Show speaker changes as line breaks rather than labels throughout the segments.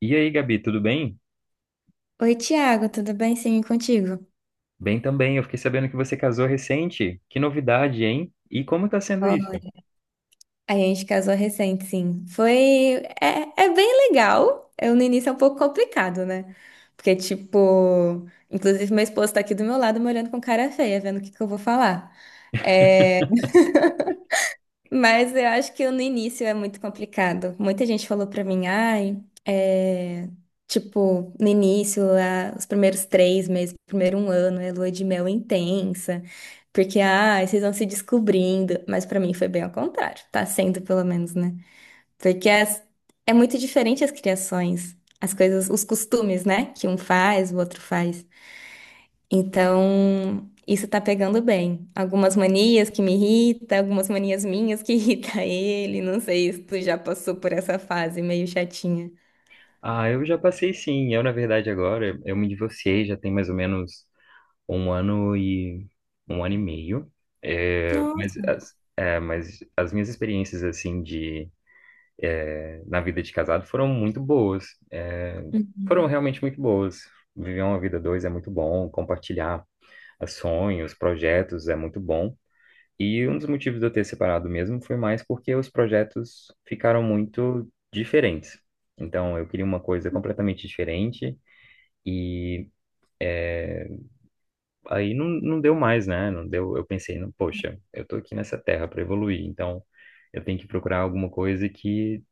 E aí, Gabi, tudo bem?
Oi, Tiago, tudo bem? Sim, e contigo?
Bem também. Eu fiquei sabendo que você casou recente. Que novidade, hein? E como tá sendo
Ó,
isso?
a gente casou recente, sim. Foi. É bem legal. Eu, no início é um pouco complicado, né? Porque, tipo. Inclusive, meu esposo tá aqui do meu lado me olhando com cara feia, vendo o que que eu vou falar. É, mas eu acho que no início é muito complicado. Muita gente falou pra mim, ai, é, tipo, no início, os primeiros 3 meses, primeiro um ano, é lua de mel intensa, porque, ai, vocês vão se descobrindo. Mas pra mim foi bem ao contrário, tá sendo pelo menos, né? Porque é muito diferente as criações, as coisas, os costumes, né? Que um faz, o outro faz. Então, isso tá pegando bem. Algumas manias que me irrita, algumas manias minhas que irrita ele. Não sei se tu já passou por essa fase meio chatinha.
Ah, eu já passei sim. Eu, na verdade, agora, eu me divorciei já tem mais ou menos um ano e um ano e meio. É, mas,
Nossa.
as, é, mas as minhas experiências, assim, de na vida de casado foram muito boas. É, foram
Uhum.
realmente muito boas. Viver uma vida a dois é muito bom. Compartilhar sonhos, projetos é muito bom. E um dos motivos de eu ter separado mesmo foi mais porque os projetos ficaram muito diferentes. Então, eu queria uma coisa completamente diferente e aí não deu mais, né? Não deu, eu pensei, não, poxa, eu tô aqui nessa terra para evoluir, então eu tenho que procurar alguma coisa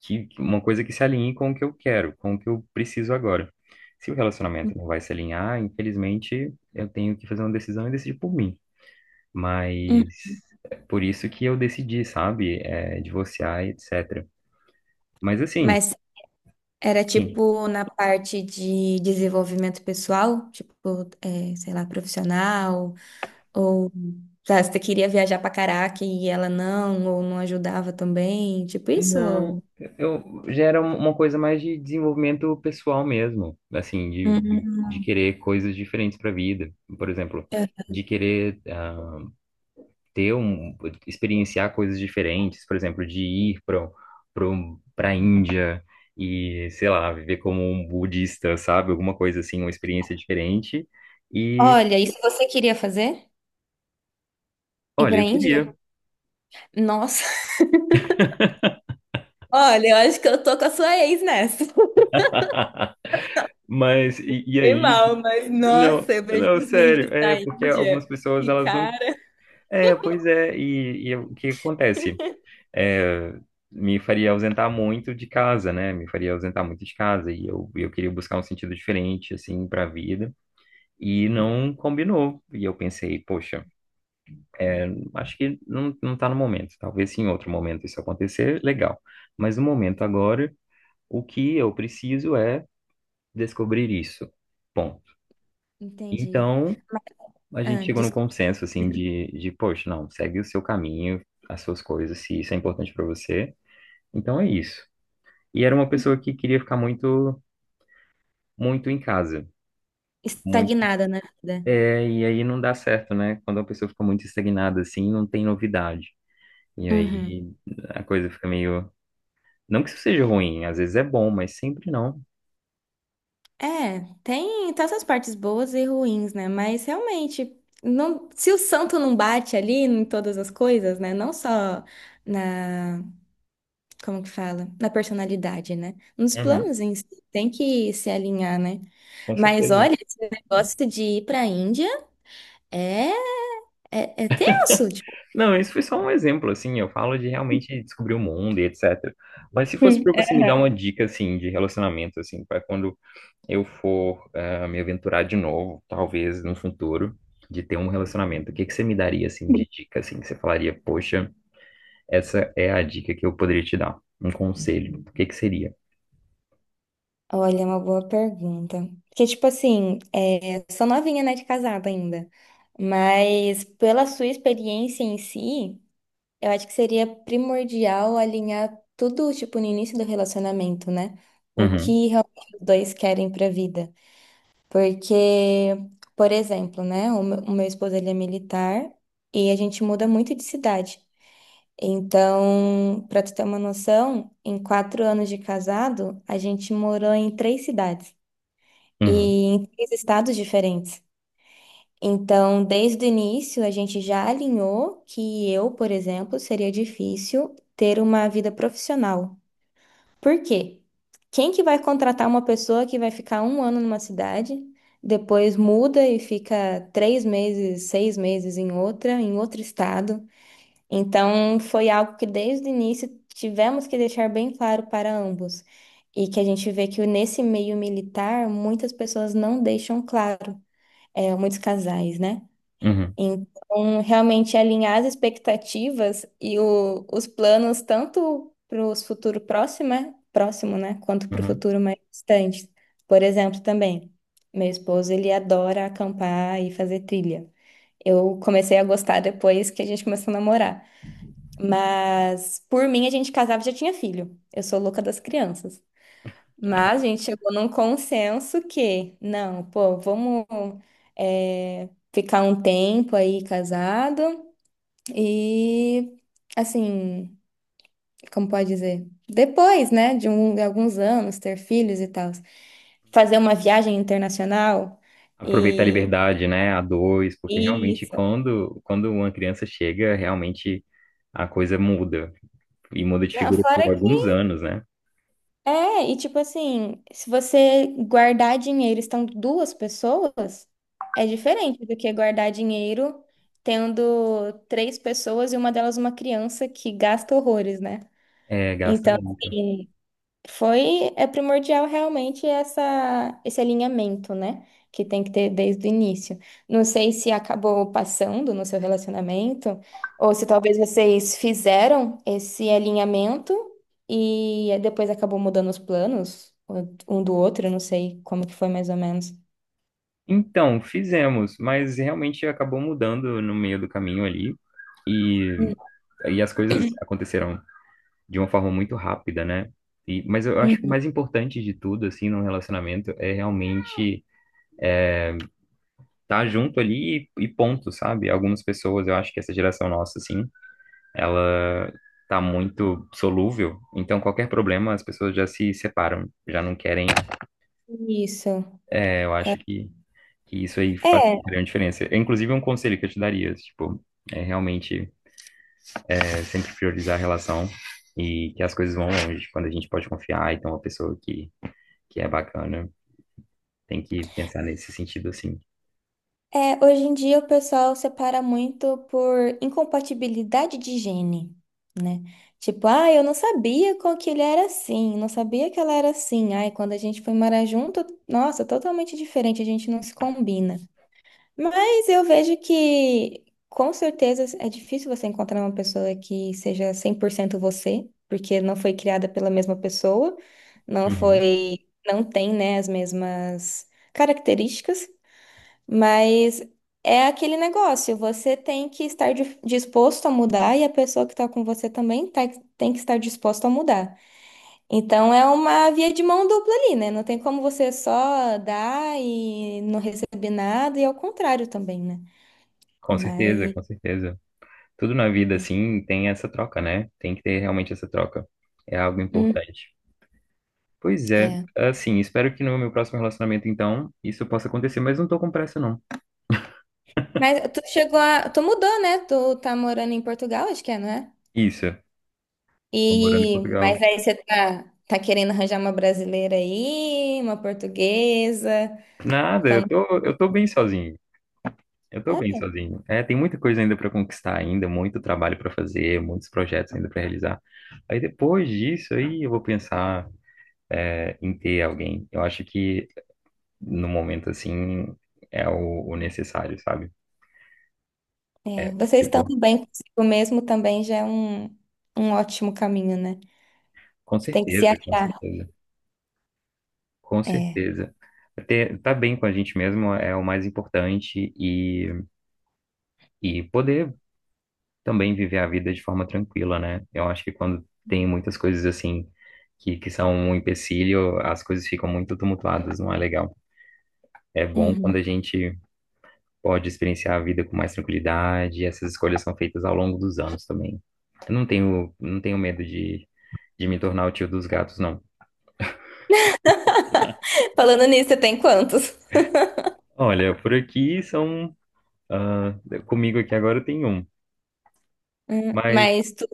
que uma coisa que se alinhe com o que eu quero, com o que eu preciso agora. Se o relacionamento não vai se alinhar, infelizmente, eu tenho que fazer uma decisão e decidir por mim.
Hum.
Mas é por isso que eu decidi, sabe, divorciar, etc. Mas assim,
Mas era
sim,
tipo na parte de desenvolvimento pessoal, tipo, é, sei lá, profissional, ou tá, você queria viajar pra caraca e ela não, ou não ajudava também, tipo isso?
não,
Ou...
eu já era uma coisa mais de desenvolvimento pessoal mesmo, assim, de, de,
Uhum.
de querer coisas diferentes para a vida, por exemplo,
É.
de querer ter experienciar coisas diferentes, por exemplo, de ir para a Índia e, sei lá, viver como um budista, sabe, alguma coisa assim, uma experiência diferente. E
Olha, isso você queria fazer? Ir
Olha,
pra
eu
Índia?
queria.
Nossa, olha, eu acho que eu tô com a sua ex nessa.
Mas e
Bem
aí?
mal, mas
Não,
nossa, eu vejo
não,
os
sério,
vídeos
é
da
porque
Índia.
algumas pessoas
Que
elas não.
cara.
É, pois é, e o que acontece? É, me faria ausentar muito de casa, né? Me faria ausentar muito de casa e eu queria buscar um sentido diferente assim para a vida e não combinou. E eu pensei, poxa, é, acho que não tá no momento. Talvez se em outro momento isso acontecer, legal. Mas no momento agora, o que eu preciso é descobrir isso. Ponto.
Entendi.
Então,
Mas,
a gente
ah,
chegou num
desculpa.
consenso, assim, poxa, não, segue o seu caminho, as suas coisas, se isso é importante para você. Então é isso. E era uma pessoa que queria ficar muito, muito em casa, muito.
Estagnada na vida.
É, e aí não dá certo, né? Quando a pessoa fica muito estagnada, assim, não tem novidade. E
Uhum.
aí a coisa fica meio. Não que isso seja ruim, às vezes é bom, mas sempre não.
É, tem tantas partes boas e ruins, né? Mas realmente, não, se o santo não bate ali em todas as coisas, né? Não só na, como que fala? Na personalidade, né? Nos
Uhum,
planos em si, tem que se alinhar, né?
com
Mas
certeza.
olha, esse negócio de ir pra Índia. É. É tenso, tipo.
Não, isso foi só um exemplo, assim, eu falo de realmente descobrir o mundo e etc. Mas se fosse
Hum.
para você me dar uma dica, assim, de relacionamento, assim, para quando eu for me aventurar de novo, talvez no futuro, de ter um relacionamento, o que que você me daria, assim, de dica, assim, que você falaria, poxa, essa é a dica que eu poderia te dar, um conselho, o que que seria?
Olha, é uma boa pergunta. Porque, tipo assim, é, sou novinha, né, de casada ainda. Mas pela sua experiência em si, eu acho que seria primordial alinhar tudo, tipo, no início do relacionamento, né? O
Uhum,
que realmente os dois querem pra vida. Porque, por exemplo, né, o meu esposo, ele é militar e a gente muda muito de cidade. Então, para tu ter uma noção, em 4 anos de casado, a gente morou em 3 cidades e
uhum,
em 3 estados diferentes. Então, desde o início, a gente já alinhou que eu, por exemplo, seria difícil ter uma vida profissional. Por quê? Quem que vai contratar uma pessoa que vai ficar um ano numa cidade, depois muda e fica 3 meses, 6 meses em outra, em outro estado? Então, foi algo que desde o início tivemos que deixar bem claro para ambos. E que a gente vê que nesse meio militar, muitas pessoas não deixam claro, é, muitos casais, né?
uhum,
Então, realmente alinhar as expectativas e o- os planos, tanto para o futuro próximo, né? Quanto para o
uhum.
futuro mais distante. Por exemplo, também, meu esposo, ele adora acampar e fazer trilha. Eu comecei a gostar depois que a gente começou a namorar. Mas por mim a gente casava e já tinha filho. Eu sou louca das crianças. Mas a gente chegou num consenso que, não, pô, vamos é, ficar um tempo aí casado e, assim, como pode dizer? Depois, né, de alguns anos, ter filhos e tal. Fazer uma viagem internacional
Aproveitar a
e
liberdade, né, a dois, porque realmente
isso.
quando uma criança chega, realmente a coisa muda. E muda de
Não,
figura por
fora que
alguns anos, né?
é, e tipo assim, se você guardar dinheiro estando 2 pessoas, é diferente do que guardar dinheiro tendo 3 pessoas e uma delas uma criança que gasta horrores, né?
É, gasta
Então,
muito.
assim, é primordial realmente esse alinhamento, né? Que tem que ter desde o início. Não sei se acabou passando no seu relacionamento, ou se talvez vocês fizeram esse alinhamento e depois acabou mudando os planos um do outro, eu não sei como que foi mais ou menos.
Então, fizemos, mas realmente acabou mudando no meio do caminho ali. E,
Hum.
e as coisas aconteceram de uma forma muito rápida, né? E, mas eu acho que o
Uhum.
mais importante de tudo, assim, num relacionamento é realmente estar junto ali e ponto, sabe? Algumas pessoas, eu acho que essa geração nossa, assim, ela tá muito solúvel. Então, qualquer problema, as pessoas já se separam, já não querem.
Isso.
É, eu acho que e isso aí faz
É,
grande diferença. É, inclusive, um conselho que eu te daria, tipo, é realmente é, sempre priorizar a relação e que as coisas vão longe. Tipo, quando a gente pode confiar, então, uma pessoa que é bacana tem que pensar nesse sentido, assim.
É, hoje em dia o pessoal separa muito por incompatibilidade de gene, né? Tipo, ah, eu não sabia com que ele era assim, não sabia que ela era assim. Ai, quando a gente foi morar junto, nossa, totalmente diferente, a gente não se combina. Mas eu vejo que, com certeza, é difícil você encontrar uma pessoa que seja 100% você, porque não foi criada pela mesma pessoa, não
Uhum.
foi, não tem, né, as mesmas características. Mas é aquele negócio, você tem que estar disposto a mudar e a pessoa que está com você também tem que estar disposta a mudar. Então é uma via de mão dupla ali, né? Não tem como você só dar e não receber nada, e ao contrário também, né?
Com certeza,
Mas.
com certeza. Tudo na vida, assim, tem essa troca, né? Tem que ter realmente essa troca. É algo
Hum,
importante. Pois é,
é.
assim, espero que no meu próximo relacionamento, então, isso possa acontecer, mas não tô com pressa, não.
Mas tu chegou a. Tu mudou, né? Tu tá morando em Portugal, acho que é, não é?
Isso, tô morando em
E.
Portugal.
Mas aí você tá, querendo arranjar uma brasileira aí, uma portuguesa.
Nada,
Como.
eu tô bem sozinho. Eu tô bem
É?
sozinho. É, tem muita coisa ainda para conquistar ainda, muito trabalho para fazer, muitos projetos ainda para realizar. Aí depois disso aí eu vou pensar é, em ter alguém. Eu acho que no momento assim é o necessário, sabe?
É, vocês
Tipo,
estando bem consigo mesmo também já é um ótimo caminho, né?
com
Você tem que se
certeza, com
achar.
certeza, com
É.
certeza. Ter, tá bem com a gente mesmo é o mais importante e poder também viver a vida de forma tranquila, né? Eu acho que quando tem muitas coisas assim que são um empecilho, as coisas ficam muito tumultuadas, não é legal. É bom quando
Uhum.
a gente pode experienciar a vida com mais tranquilidade, e essas escolhas são feitas ao longo dos anos também. Eu não tenho, não tenho medo de me tornar o tio dos gatos, não.
Falando nisso, você tem quantos?
Olha, por aqui são. Ah, comigo aqui agora tem um, mas
Mas tu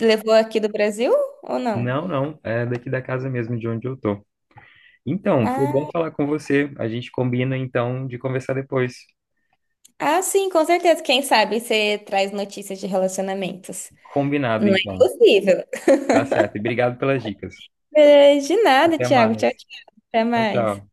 levou aqui do Brasil ou não?
não, é daqui da casa mesmo de onde eu tô. Então, foi bom
Ah,
falar com você. A gente combina então de conversar depois.
ah, sim, com certeza. Quem sabe você traz notícias de relacionamentos.
Combinado,
Não é
então.
impossível.
Tá certo. E obrigado pelas dicas.
É, de nada,
Até
Thiago.
mais.
Tchau, tchau. Até
Tchau,
mais.
tchau.